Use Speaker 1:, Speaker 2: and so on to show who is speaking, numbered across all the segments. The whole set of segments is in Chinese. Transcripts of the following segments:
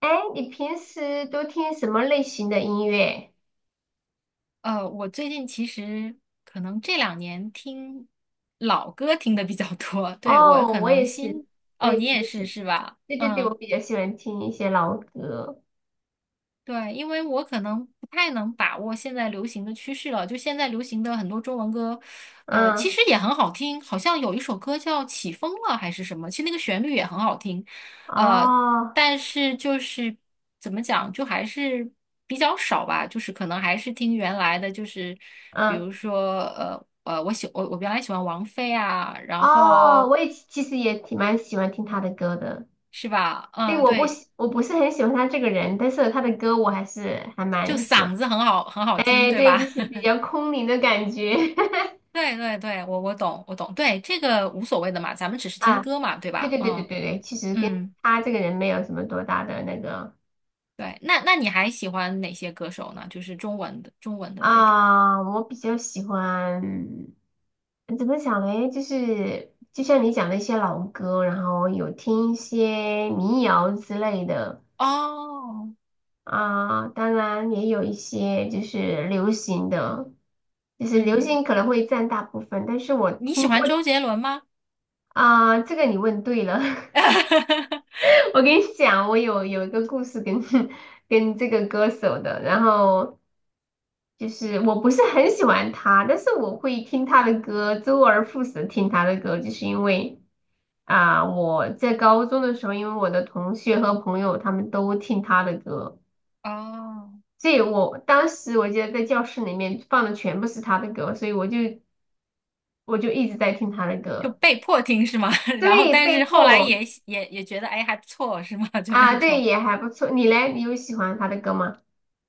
Speaker 1: 哎，你平时都听什么类型的音乐？
Speaker 2: 我最近其实可能这两年听老歌听的比较多，对，我
Speaker 1: 哦，
Speaker 2: 可
Speaker 1: 我
Speaker 2: 能
Speaker 1: 也是，
Speaker 2: 新，
Speaker 1: 我
Speaker 2: 哦，
Speaker 1: 也
Speaker 2: 你
Speaker 1: 比
Speaker 2: 也
Speaker 1: 较
Speaker 2: 是
Speaker 1: 喜，
Speaker 2: 是吧？
Speaker 1: 对对对，我
Speaker 2: 嗯。
Speaker 1: 比较喜欢听一些老歌。
Speaker 2: 对，因为我可能不太能把握现在流行的趋势了。就现在流行的很多中文歌，其
Speaker 1: 嗯，
Speaker 2: 实也很好听，好像有一首歌叫《起风了》还是什么，其实那个旋律也很好听，呃，
Speaker 1: 哦，
Speaker 2: 但是就是怎么讲，就还是比较少吧，就是可能还是听原来的，就是比
Speaker 1: 嗯，
Speaker 2: 如说我原来喜欢王菲啊，然
Speaker 1: 哦，
Speaker 2: 后
Speaker 1: 我也其实也挺蛮喜欢听他的歌的。
Speaker 2: 是吧？
Speaker 1: 对，
Speaker 2: 嗯，对，
Speaker 1: 我不是很喜欢他这个人，但是他的歌我还是还
Speaker 2: 就
Speaker 1: 蛮喜欢。
Speaker 2: 嗓子很好很好听，
Speaker 1: 哎，
Speaker 2: 对
Speaker 1: 对，就
Speaker 2: 吧？
Speaker 1: 是比 较空灵的感觉。
Speaker 2: 对对对，我懂，我懂，对，这个无所谓的嘛，咱们只是听
Speaker 1: 啊，
Speaker 2: 歌嘛，对
Speaker 1: 对
Speaker 2: 吧？
Speaker 1: 对对对
Speaker 2: 嗯
Speaker 1: 对对，其实跟
Speaker 2: 嗯，
Speaker 1: 他这个人没有什么多大的那个。
Speaker 2: 对，那你还喜欢哪些歌手呢？就是中文的这种。
Speaker 1: 啊，我比较喜欢，怎么讲嘞？就是就像你讲的一些老歌，然后有听一些民谣之类的
Speaker 2: 哦，
Speaker 1: 啊，当然也有一些就是流行的，就是流
Speaker 2: 嗯，
Speaker 1: 行可能会占大部分，但是我
Speaker 2: 你喜
Speaker 1: 听我
Speaker 2: 欢周杰伦吗？
Speaker 1: 啊，这个你问对了，我跟你讲，我有一个故事跟 跟这个歌手的，然后。就是我不是很喜欢他，但是我会听他的歌，周而复始地听他的歌，就是因为啊、我在高中的时候，因为我的同学和朋友他们都听他的歌，
Speaker 2: 哦，
Speaker 1: 所以我当时我记得在教室里面放的全部是他的歌，所以我就一直在听他的
Speaker 2: 就
Speaker 1: 歌，
Speaker 2: 被迫听是吗？然后
Speaker 1: 对，
Speaker 2: 但
Speaker 1: 被
Speaker 2: 是后来
Speaker 1: 迫
Speaker 2: 也喜也也觉得哎还不错是吗？就
Speaker 1: 啊，
Speaker 2: 那
Speaker 1: 对，
Speaker 2: 种。
Speaker 1: 也还不错。你嘞，你有喜欢他的歌吗？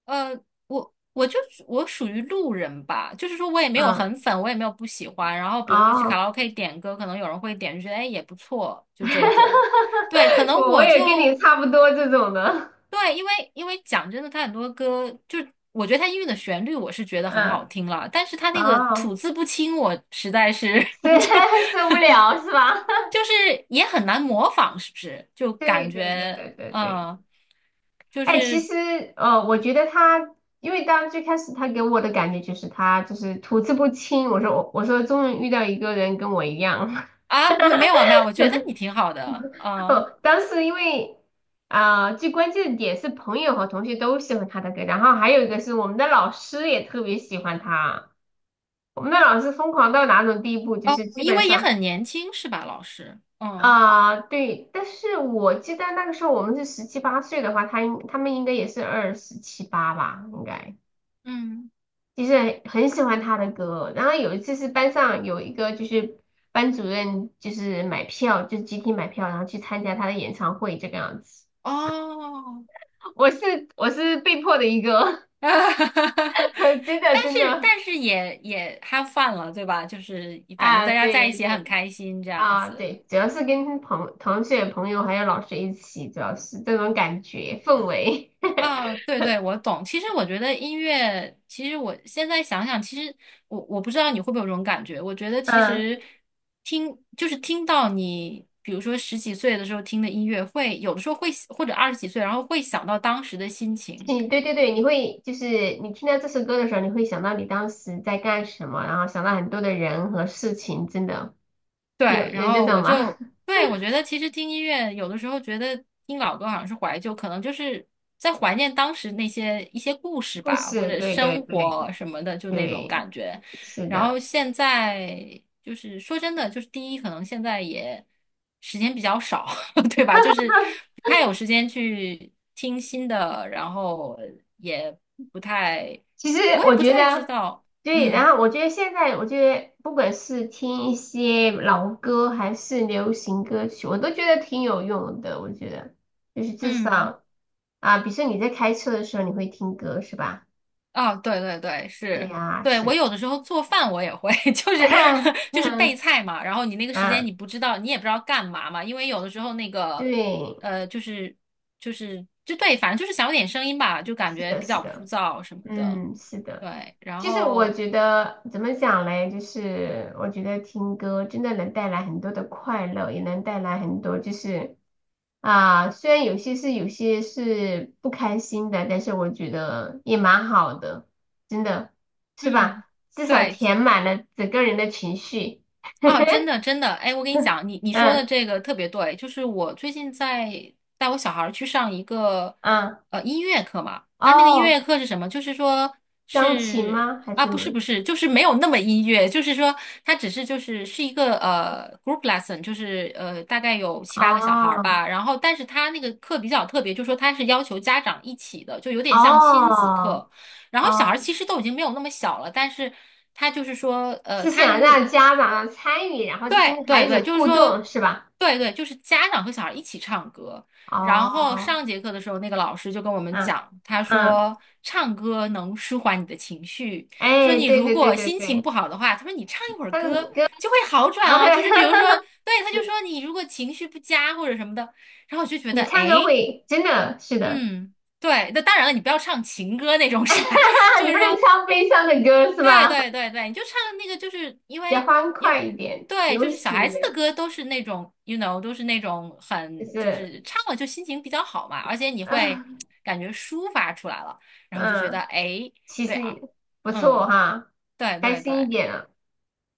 Speaker 2: 呃，我我属于路人吧，就是说我也没有
Speaker 1: 嗯，
Speaker 2: 很粉，我也没有不喜欢。然后比如说去卡
Speaker 1: 哦，
Speaker 2: 拉 OK 点歌，可能有人会点，就觉得哎也不错，就这种。对，可 能
Speaker 1: 我
Speaker 2: 我
Speaker 1: 也跟你
Speaker 2: 就
Speaker 1: 差不多这种的，
Speaker 2: 对，因为因为讲真的，他很多歌就我觉得他音乐的旋律我是觉得很好
Speaker 1: 嗯，
Speaker 2: 听了，但是他那个
Speaker 1: 哦。
Speaker 2: 吐字不清，我实在是
Speaker 1: 是
Speaker 2: 就
Speaker 1: 受不了是吧？
Speaker 2: 就是也很难模仿，是不是？就
Speaker 1: 对
Speaker 2: 感
Speaker 1: 对对
Speaker 2: 觉
Speaker 1: 对对对，
Speaker 2: 嗯，就
Speaker 1: 哎，其
Speaker 2: 是。
Speaker 1: 实我觉得他，因为当最开始他给我的感觉就是他就是吐字不清，我说终于遇到一个人跟我一样，
Speaker 2: 啊，没有，我觉得你挺好的，啊，
Speaker 1: 哦，当时因为啊、最关键的点是朋友和同学都喜欢他的歌，然后还有一个是我们的老师也特别喜欢他，我们的老师疯狂到哪种地步，就
Speaker 2: 哦，
Speaker 1: 是基
Speaker 2: 因
Speaker 1: 本
Speaker 2: 为也
Speaker 1: 上。
Speaker 2: 很年轻是吧，老师？嗯
Speaker 1: 啊，对，但是我记得那个时候我们是十七八岁的话，他们应该也是二十七八吧，应该
Speaker 2: 嗯，
Speaker 1: 就是很喜欢他的歌。然后有一次是班上有一个就是班主任就是买票，就是集体买票，然后去参加他的演唱会这个样子。
Speaker 2: 哦，
Speaker 1: 我是被迫的一个，真的
Speaker 2: 但
Speaker 1: 真
Speaker 2: 是
Speaker 1: 的
Speaker 2: 但是也也 have fun 了，对吧？就是反正
Speaker 1: 啊，
Speaker 2: 大家在一
Speaker 1: 对
Speaker 2: 起也很
Speaker 1: 对
Speaker 2: 开心这样
Speaker 1: 啊
Speaker 2: 子，
Speaker 1: 对，主要是跟同学朋友还有老师一起，主要是这种感觉氛围，
Speaker 2: 啊，对对，我懂。其实我觉得音乐，其实我现在想想，其实我不知道你会不会有这种感觉。我觉得 其
Speaker 1: 嗯。
Speaker 2: 实听就是听到你，比如说十几岁的时候听的音乐会，有的时候会或者二十几岁，然后会想到当时的心情。
Speaker 1: 你对对对，你会就是你听到这首歌的时候，你会想到你当时在干什么，然后想到很多的人和事情，真的
Speaker 2: 对，
Speaker 1: 有
Speaker 2: 然
Speaker 1: 有这
Speaker 2: 后我
Speaker 1: 种吗？
Speaker 2: 就，对，我觉得其实听音乐有的时候觉得听老歌好像是怀旧，可能就是在怀念当时那些一些故 事
Speaker 1: 故
Speaker 2: 吧，或
Speaker 1: 事，
Speaker 2: 者
Speaker 1: 对对
Speaker 2: 生活
Speaker 1: 对
Speaker 2: 什么的，就那种
Speaker 1: 对，
Speaker 2: 感觉。
Speaker 1: 是
Speaker 2: 然后
Speaker 1: 的。
Speaker 2: 现在就是说真的，就是第一，可能现在也时间比较少，对吧？就是不太有时间去听新的，然后也不太，
Speaker 1: 其实
Speaker 2: 我也
Speaker 1: 我
Speaker 2: 不
Speaker 1: 觉
Speaker 2: 太知
Speaker 1: 得，
Speaker 2: 道，
Speaker 1: 对，然
Speaker 2: 嗯
Speaker 1: 后我觉得现在，我觉得不管是听一些老歌还是流行歌曲，我都觉得挺有用的。我觉得就是至
Speaker 2: 嗯。
Speaker 1: 少啊，比如说你在开车的时候，你会听歌是吧？
Speaker 2: 啊，对对对，
Speaker 1: 对
Speaker 2: 是，
Speaker 1: 呀，
Speaker 2: 对，我
Speaker 1: 是。
Speaker 2: 有的时候做饭我也会，就是 就是备
Speaker 1: 嗯
Speaker 2: 菜嘛，然后你那个时间
Speaker 1: 啊，
Speaker 2: 你不知道，你也不知道干嘛嘛，因为有的时候那个，
Speaker 1: 对，
Speaker 2: 呃，就是就对，反正就是想有点声音吧，就感
Speaker 1: 是
Speaker 2: 觉
Speaker 1: 的，
Speaker 2: 比
Speaker 1: 是
Speaker 2: 较枯
Speaker 1: 的，
Speaker 2: 燥什么的，
Speaker 1: 嗯，是的。
Speaker 2: 对，然
Speaker 1: 其实我
Speaker 2: 后
Speaker 1: 觉得怎么讲嘞，就是我觉得听歌真的能带来很多的快乐，也能带来很多就是啊，虽然有些是不开心的，但是我觉得也蛮好的，真的是
Speaker 2: 嗯，
Speaker 1: 吧？至少
Speaker 2: 对，
Speaker 1: 填满了整个人的情绪。
Speaker 2: 啊，真的真的，哎，我跟你讲，你 你说的
Speaker 1: 嗯
Speaker 2: 这个特别对，就是我最近在带我小孩儿去上一个
Speaker 1: 嗯，
Speaker 2: 音乐课嘛，那个音
Speaker 1: 哦，
Speaker 2: 乐课是什么？就是说
Speaker 1: 钢琴
Speaker 2: 是
Speaker 1: 吗？还是
Speaker 2: 啊，
Speaker 1: 什
Speaker 2: 不
Speaker 1: 么？
Speaker 2: 是不是，就是没有那么音乐，就是说它只是是一个group lesson,就是大概有七八个小孩儿
Speaker 1: 哦
Speaker 2: 吧，然后但是他那个课比较特别，就是说他是要求家长一起的，就有点像亲子
Speaker 1: 哦
Speaker 2: 课。然后小孩儿
Speaker 1: 哦。
Speaker 2: 其实都已经没有那么小了，但是他就是说，
Speaker 1: 是
Speaker 2: 他的
Speaker 1: 想
Speaker 2: 目
Speaker 1: 让家长参与，然后
Speaker 2: 对
Speaker 1: 跟
Speaker 2: 对
Speaker 1: 孩
Speaker 2: 对，
Speaker 1: 子
Speaker 2: 就是
Speaker 1: 互
Speaker 2: 说，
Speaker 1: 动，是吧？
Speaker 2: 对对，就是家长和小孩一起唱歌。然后
Speaker 1: 哦，
Speaker 2: 上节课的时候，那个老师就跟我们
Speaker 1: 啊，
Speaker 2: 讲，他
Speaker 1: 嗯，
Speaker 2: 说唱歌能舒缓你的情绪，说
Speaker 1: 哎，
Speaker 2: 你
Speaker 1: 对
Speaker 2: 如
Speaker 1: 对对
Speaker 2: 果
Speaker 1: 对
Speaker 2: 心情
Speaker 1: 对，
Speaker 2: 不好的话，他说你唱一会儿
Speaker 1: 唱
Speaker 2: 歌
Speaker 1: 歌，
Speaker 2: 就会好转哦。就是比如说，对，他就说你如果情绪不佳或者什么的，然后我就觉得，
Speaker 1: 你唱歌
Speaker 2: 诶，
Speaker 1: 会真的是的，
Speaker 2: 嗯，对，那当然了，你不要唱情歌那种 是吧？就
Speaker 1: 你不
Speaker 2: 是
Speaker 1: 能
Speaker 2: 说。
Speaker 1: 唱悲伤的歌是
Speaker 2: 对
Speaker 1: 吧？
Speaker 2: 对对对，你就唱那个，就是因
Speaker 1: 比较
Speaker 2: 为
Speaker 1: 欢
Speaker 2: 因为
Speaker 1: 快一点，
Speaker 2: 对，就
Speaker 1: 流
Speaker 2: 是小孩
Speaker 1: 行的，
Speaker 2: 子的歌都是那种，都是那种
Speaker 1: 就
Speaker 2: 很就
Speaker 1: 是，
Speaker 2: 是唱了就心情比较好嘛，而且你会 感觉抒发出来了，然后就觉得
Speaker 1: 嗯，
Speaker 2: 哎诶，
Speaker 1: 其
Speaker 2: 对啊，
Speaker 1: 实不错
Speaker 2: 嗯，
Speaker 1: 哈，
Speaker 2: 对
Speaker 1: 开
Speaker 2: 对对
Speaker 1: 心一点啊。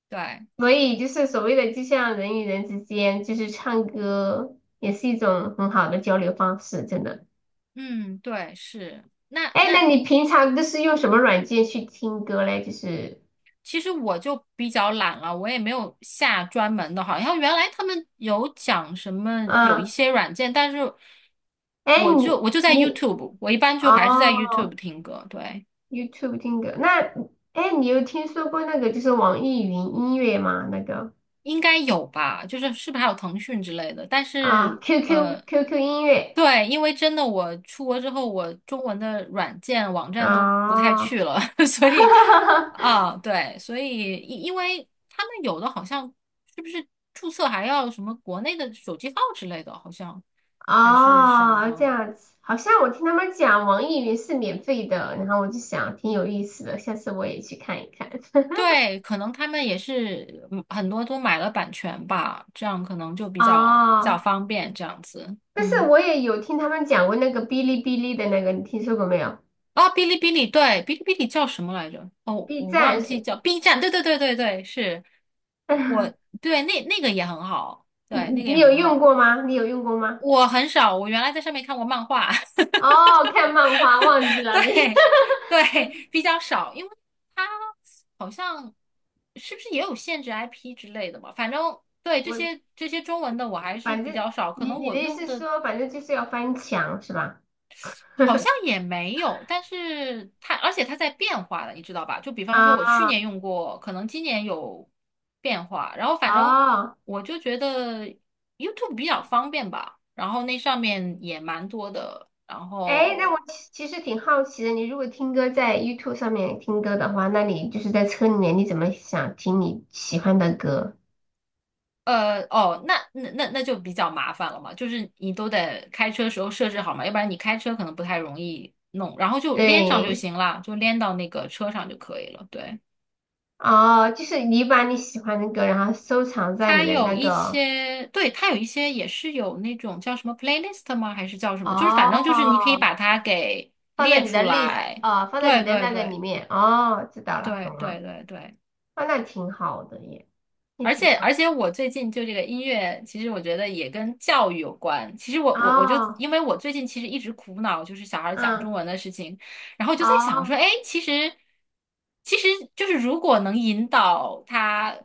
Speaker 2: 对，
Speaker 1: 所以就是所谓的，就像人与人之间，就是唱歌也是一种很好的交流方式，真的。
Speaker 2: 嗯，对是，那
Speaker 1: 哎，
Speaker 2: 那
Speaker 1: 那你平常都是用什么
Speaker 2: 嗯。
Speaker 1: 软件去听歌嘞？就是，
Speaker 2: 其实我就比较懒了，我也没有下专门的，好像原来他们有讲什么有一
Speaker 1: 嗯，
Speaker 2: 些软件，但是
Speaker 1: 哎，
Speaker 2: 我就
Speaker 1: 你
Speaker 2: 我就在
Speaker 1: 你
Speaker 2: YouTube,我一般就还是在
Speaker 1: 哦
Speaker 2: YouTube 听歌，对，
Speaker 1: ，YouTube 听歌，那哎，你有听说过那个就是网易云音乐吗？那个
Speaker 2: 应该有吧，就是是不是还有腾讯之类的，但
Speaker 1: 啊
Speaker 2: 是
Speaker 1: ，QQ QQ 音乐，
Speaker 2: 对，因为真的我出国之后，我中文的软件网站都不太
Speaker 1: 哦，
Speaker 2: 去了，所以 啊，对，所以因为他们有的好像是不是注册还要什么国内的手机号之类的，好像还是什
Speaker 1: 哦，这
Speaker 2: 么。
Speaker 1: 样子，好像我听他们讲网易云是免费的，然后我就想挺有意思的，下次我也去看一看。
Speaker 2: 对，可能他们也是嗯很多都买了版权吧，这样可能就比较比较
Speaker 1: 哦，
Speaker 2: 方便这样子。
Speaker 1: 但是
Speaker 2: 嗯。
Speaker 1: 我也有听他们讲过那个哔哩哔哩的那个，你听说过没有
Speaker 2: 啊，哔哩哔哩，对，哔哩哔哩叫什么来着？哦，
Speaker 1: ？B
Speaker 2: 我
Speaker 1: 站
Speaker 2: 忘记
Speaker 1: 是，
Speaker 2: 叫 B 站，对对对对对，是我对那个也很好，
Speaker 1: 你
Speaker 2: 对，那
Speaker 1: 你
Speaker 2: 个也
Speaker 1: 你有
Speaker 2: 很
Speaker 1: 用
Speaker 2: 好。
Speaker 1: 过吗？你有用过吗？
Speaker 2: 我很少，我原来在上面看过漫画，
Speaker 1: 哦，看漫画忘记 了你，
Speaker 2: 对对，比较少，因为它好像是不是也有限制 IP 之类的嘛？反正对这
Speaker 1: 我
Speaker 2: 些这些中文的我还是
Speaker 1: 反
Speaker 2: 比
Speaker 1: 正
Speaker 2: 较少，可
Speaker 1: 你
Speaker 2: 能
Speaker 1: 你
Speaker 2: 我
Speaker 1: 的意
Speaker 2: 用
Speaker 1: 思是
Speaker 2: 的
Speaker 1: 说，反正就是要翻墙是吧？
Speaker 2: 好像 也没有，但是它而且它在变化的，你知道吧？就比方说，我去
Speaker 1: 啊、
Speaker 2: 年用过，可能今年有变化。然后反正
Speaker 1: 哦。
Speaker 2: 我就觉得 YouTube 比较方便吧，然后那上面也蛮多的。然
Speaker 1: 哎，那我
Speaker 2: 后
Speaker 1: 其实挺好奇的，你如果听歌在 YouTube 上面听歌的话，那你就是在车里面，你怎么想听你喜欢的歌？
Speaker 2: 哦，那就比较麻烦了嘛，就是你都得开车时候设置好嘛，要不然你开车可能不太容易弄。然后就连上就
Speaker 1: 对，
Speaker 2: 行了，就连到那个车上就可以了。对。
Speaker 1: 哦，就是你把你喜欢的歌，然后收藏在你
Speaker 2: 它
Speaker 1: 的
Speaker 2: 有
Speaker 1: 那
Speaker 2: 一
Speaker 1: 个，
Speaker 2: 些，对，它有一些也是有那种叫什么 playlist 吗？还是叫什么？就是反正就是你可以
Speaker 1: 哦，
Speaker 2: 把它给
Speaker 1: 放在
Speaker 2: 列
Speaker 1: 你的
Speaker 2: 出
Speaker 1: list，
Speaker 2: 来。
Speaker 1: 哦，放在你
Speaker 2: 对
Speaker 1: 的
Speaker 2: 对
Speaker 1: 那个里
Speaker 2: 对
Speaker 1: 面，哦，知道了，懂
Speaker 2: 对
Speaker 1: 了，
Speaker 2: 对对对，
Speaker 1: 哦，那挺好的耶，也
Speaker 2: 而
Speaker 1: 挺
Speaker 2: 且我最近就这个音乐，其实我觉得也跟教育有关。其实我
Speaker 1: 好，
Speaker 2: 我我就
Speaker 1: 哦，
Speaker 2: 因为我最近其实一直苦恼就是小孩儿讲
Speaker 1: 嗯，
Speaker 2: 中文的事情，然后我就在想
Speaker 1: 哦，
Speaker 2: 说，哎，其实就是如果能引导他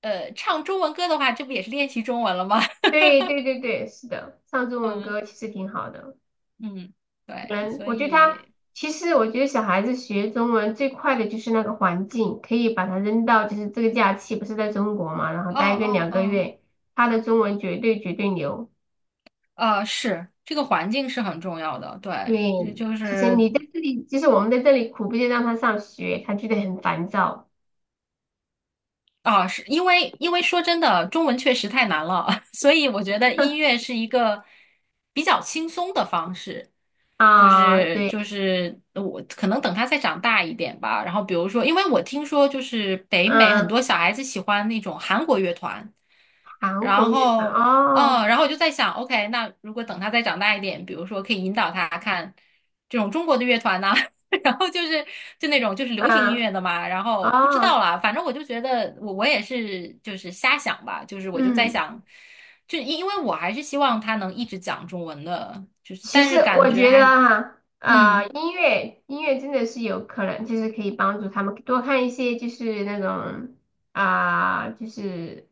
Speaker 2: 唱中文歌的话，这不也是练习中文了吗？
Speaker 1: 对对对对，是的，唱 中文
Speaker 2: 嗯。
Speaker 1: 歌其实挺好的。
Speaker 2: 嗯，对，
Speaker 1: 嗯，
Speaker 2: 所
Speaker 1: 我觉得他
Speaker 2: 以，
Speaker 1: 其实，我觉得小孩子学中文最快的就是那个环境，可以把他扔到就是这个假期不是在中国嘛，然后
Speaker 2: 哦
Speaker 1: 待个
Speaker 2: 哦
Speaker 1: 两个
Speaker 2: 哦，
Speaker 1: 月，他的中文绝对绝对牛。
Speaker 2: 是这个环境是很重要的，对，
Speaker 1: 对，
Speaker 2: 就就
Speaker 1: 其实
Speaker 2: 是
Speaker 1: 你在这里，其实我们在这里苦逼的让他上学，他觉得很烦躁
Speaker 2: 啊，是因为因为说真的，中文确实太难了，所以我觉得音 乐是一个比较轻松的方式，就
Speaker 1: 啊。
Speaker 2: 是就
Speaker 1: 对，
Speaker 2: 是我可能等他再长大一点吧。然后比如说，因为我听说就是北美很
Speaker 1: 嗯，
Speaker 2: 多小孩子喜欢那种韩国乐团，
Speaker 1: 韩国
Speaker 2: 然
Speaker 1: 语
Speaker 2: 后
Speaker 1: 哦，
Speaker 2: 嗯，然后我就在想，OK,那如果等他再长大一点，比如说可以引导他看这种中国的乐团呐、然后就是就那种就是流行音
Speaker 1: 啊，
Speaker 2: 乐的嘛，然后不知道
Speaker 1: 哦，
Speaker 2: 啦，反正我就觉得我也是就是瞎想吧，就是我就在
Speaker 1: 嗯。
Speaker 2: 想，就因为我还是希望他能一直讲中文的，就是
Speaker 1: 其
Speaker 2: 但
Speaker 1: 实
Speaker 2: 是感
Speaker 1: 我
Speaker 2: 觉
Speaker 1: 觉
Speaker 2: 还
Speaker 1: 得哈，
Speaker 2: 嗯，
Speaker 1: 音乐音乐真的是有可能，就是可以帮助他们多看一些，就是那种啊、就是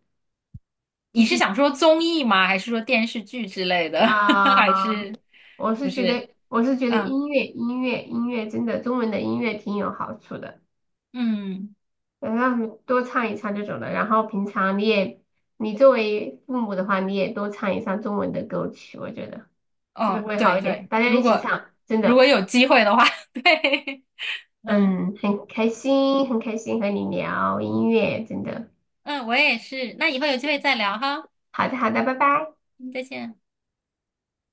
Speaker 1: 就
Speaker 2: 你是
Speaker 1: 是
Speaker 2: 想说综艺吗？还是说电视剧之类的？还
Speaker 1: 啊、
Speaker 2: 是
Speaker 1: 我
Speaker 2: 不
Speaker 1: 是觉
Speaker 2: 是？
Speaker 1: 得我是觉得
Speaker 2: 嗯
Speaker 1: 音乐音乐真的中文的音乐挺有好处的，
Speaker 2: 嗯，
Speaker 1: 让他们多唱一唱这种的。然后平常你也你作为父母的话，你也多唱一唱中文的歌曲，我觉得是不是
Speaker 2: 哦，
Speaker 1: 会好
Speaker 2: 对
Speaker 1: 一点？
Speaker 2: 对，
Speaker 1: 大家一
Speaker 2: 如
Speaker 1: 起
Speaker 2: 果
Speaker 1: 唱，真
Speaker 2: 如果
Speaker 1: 的。
Speaker 2: 有机会的话，对，嗯
Speaker 1: 嗯，很开心，很开心和你聊音乐，真的。
Speaker 2: 嗯，我也是。那以后有机会再聊哈，
Speaker 1: 好的，好的，拜拜。
Speaker 2: 嗯再见。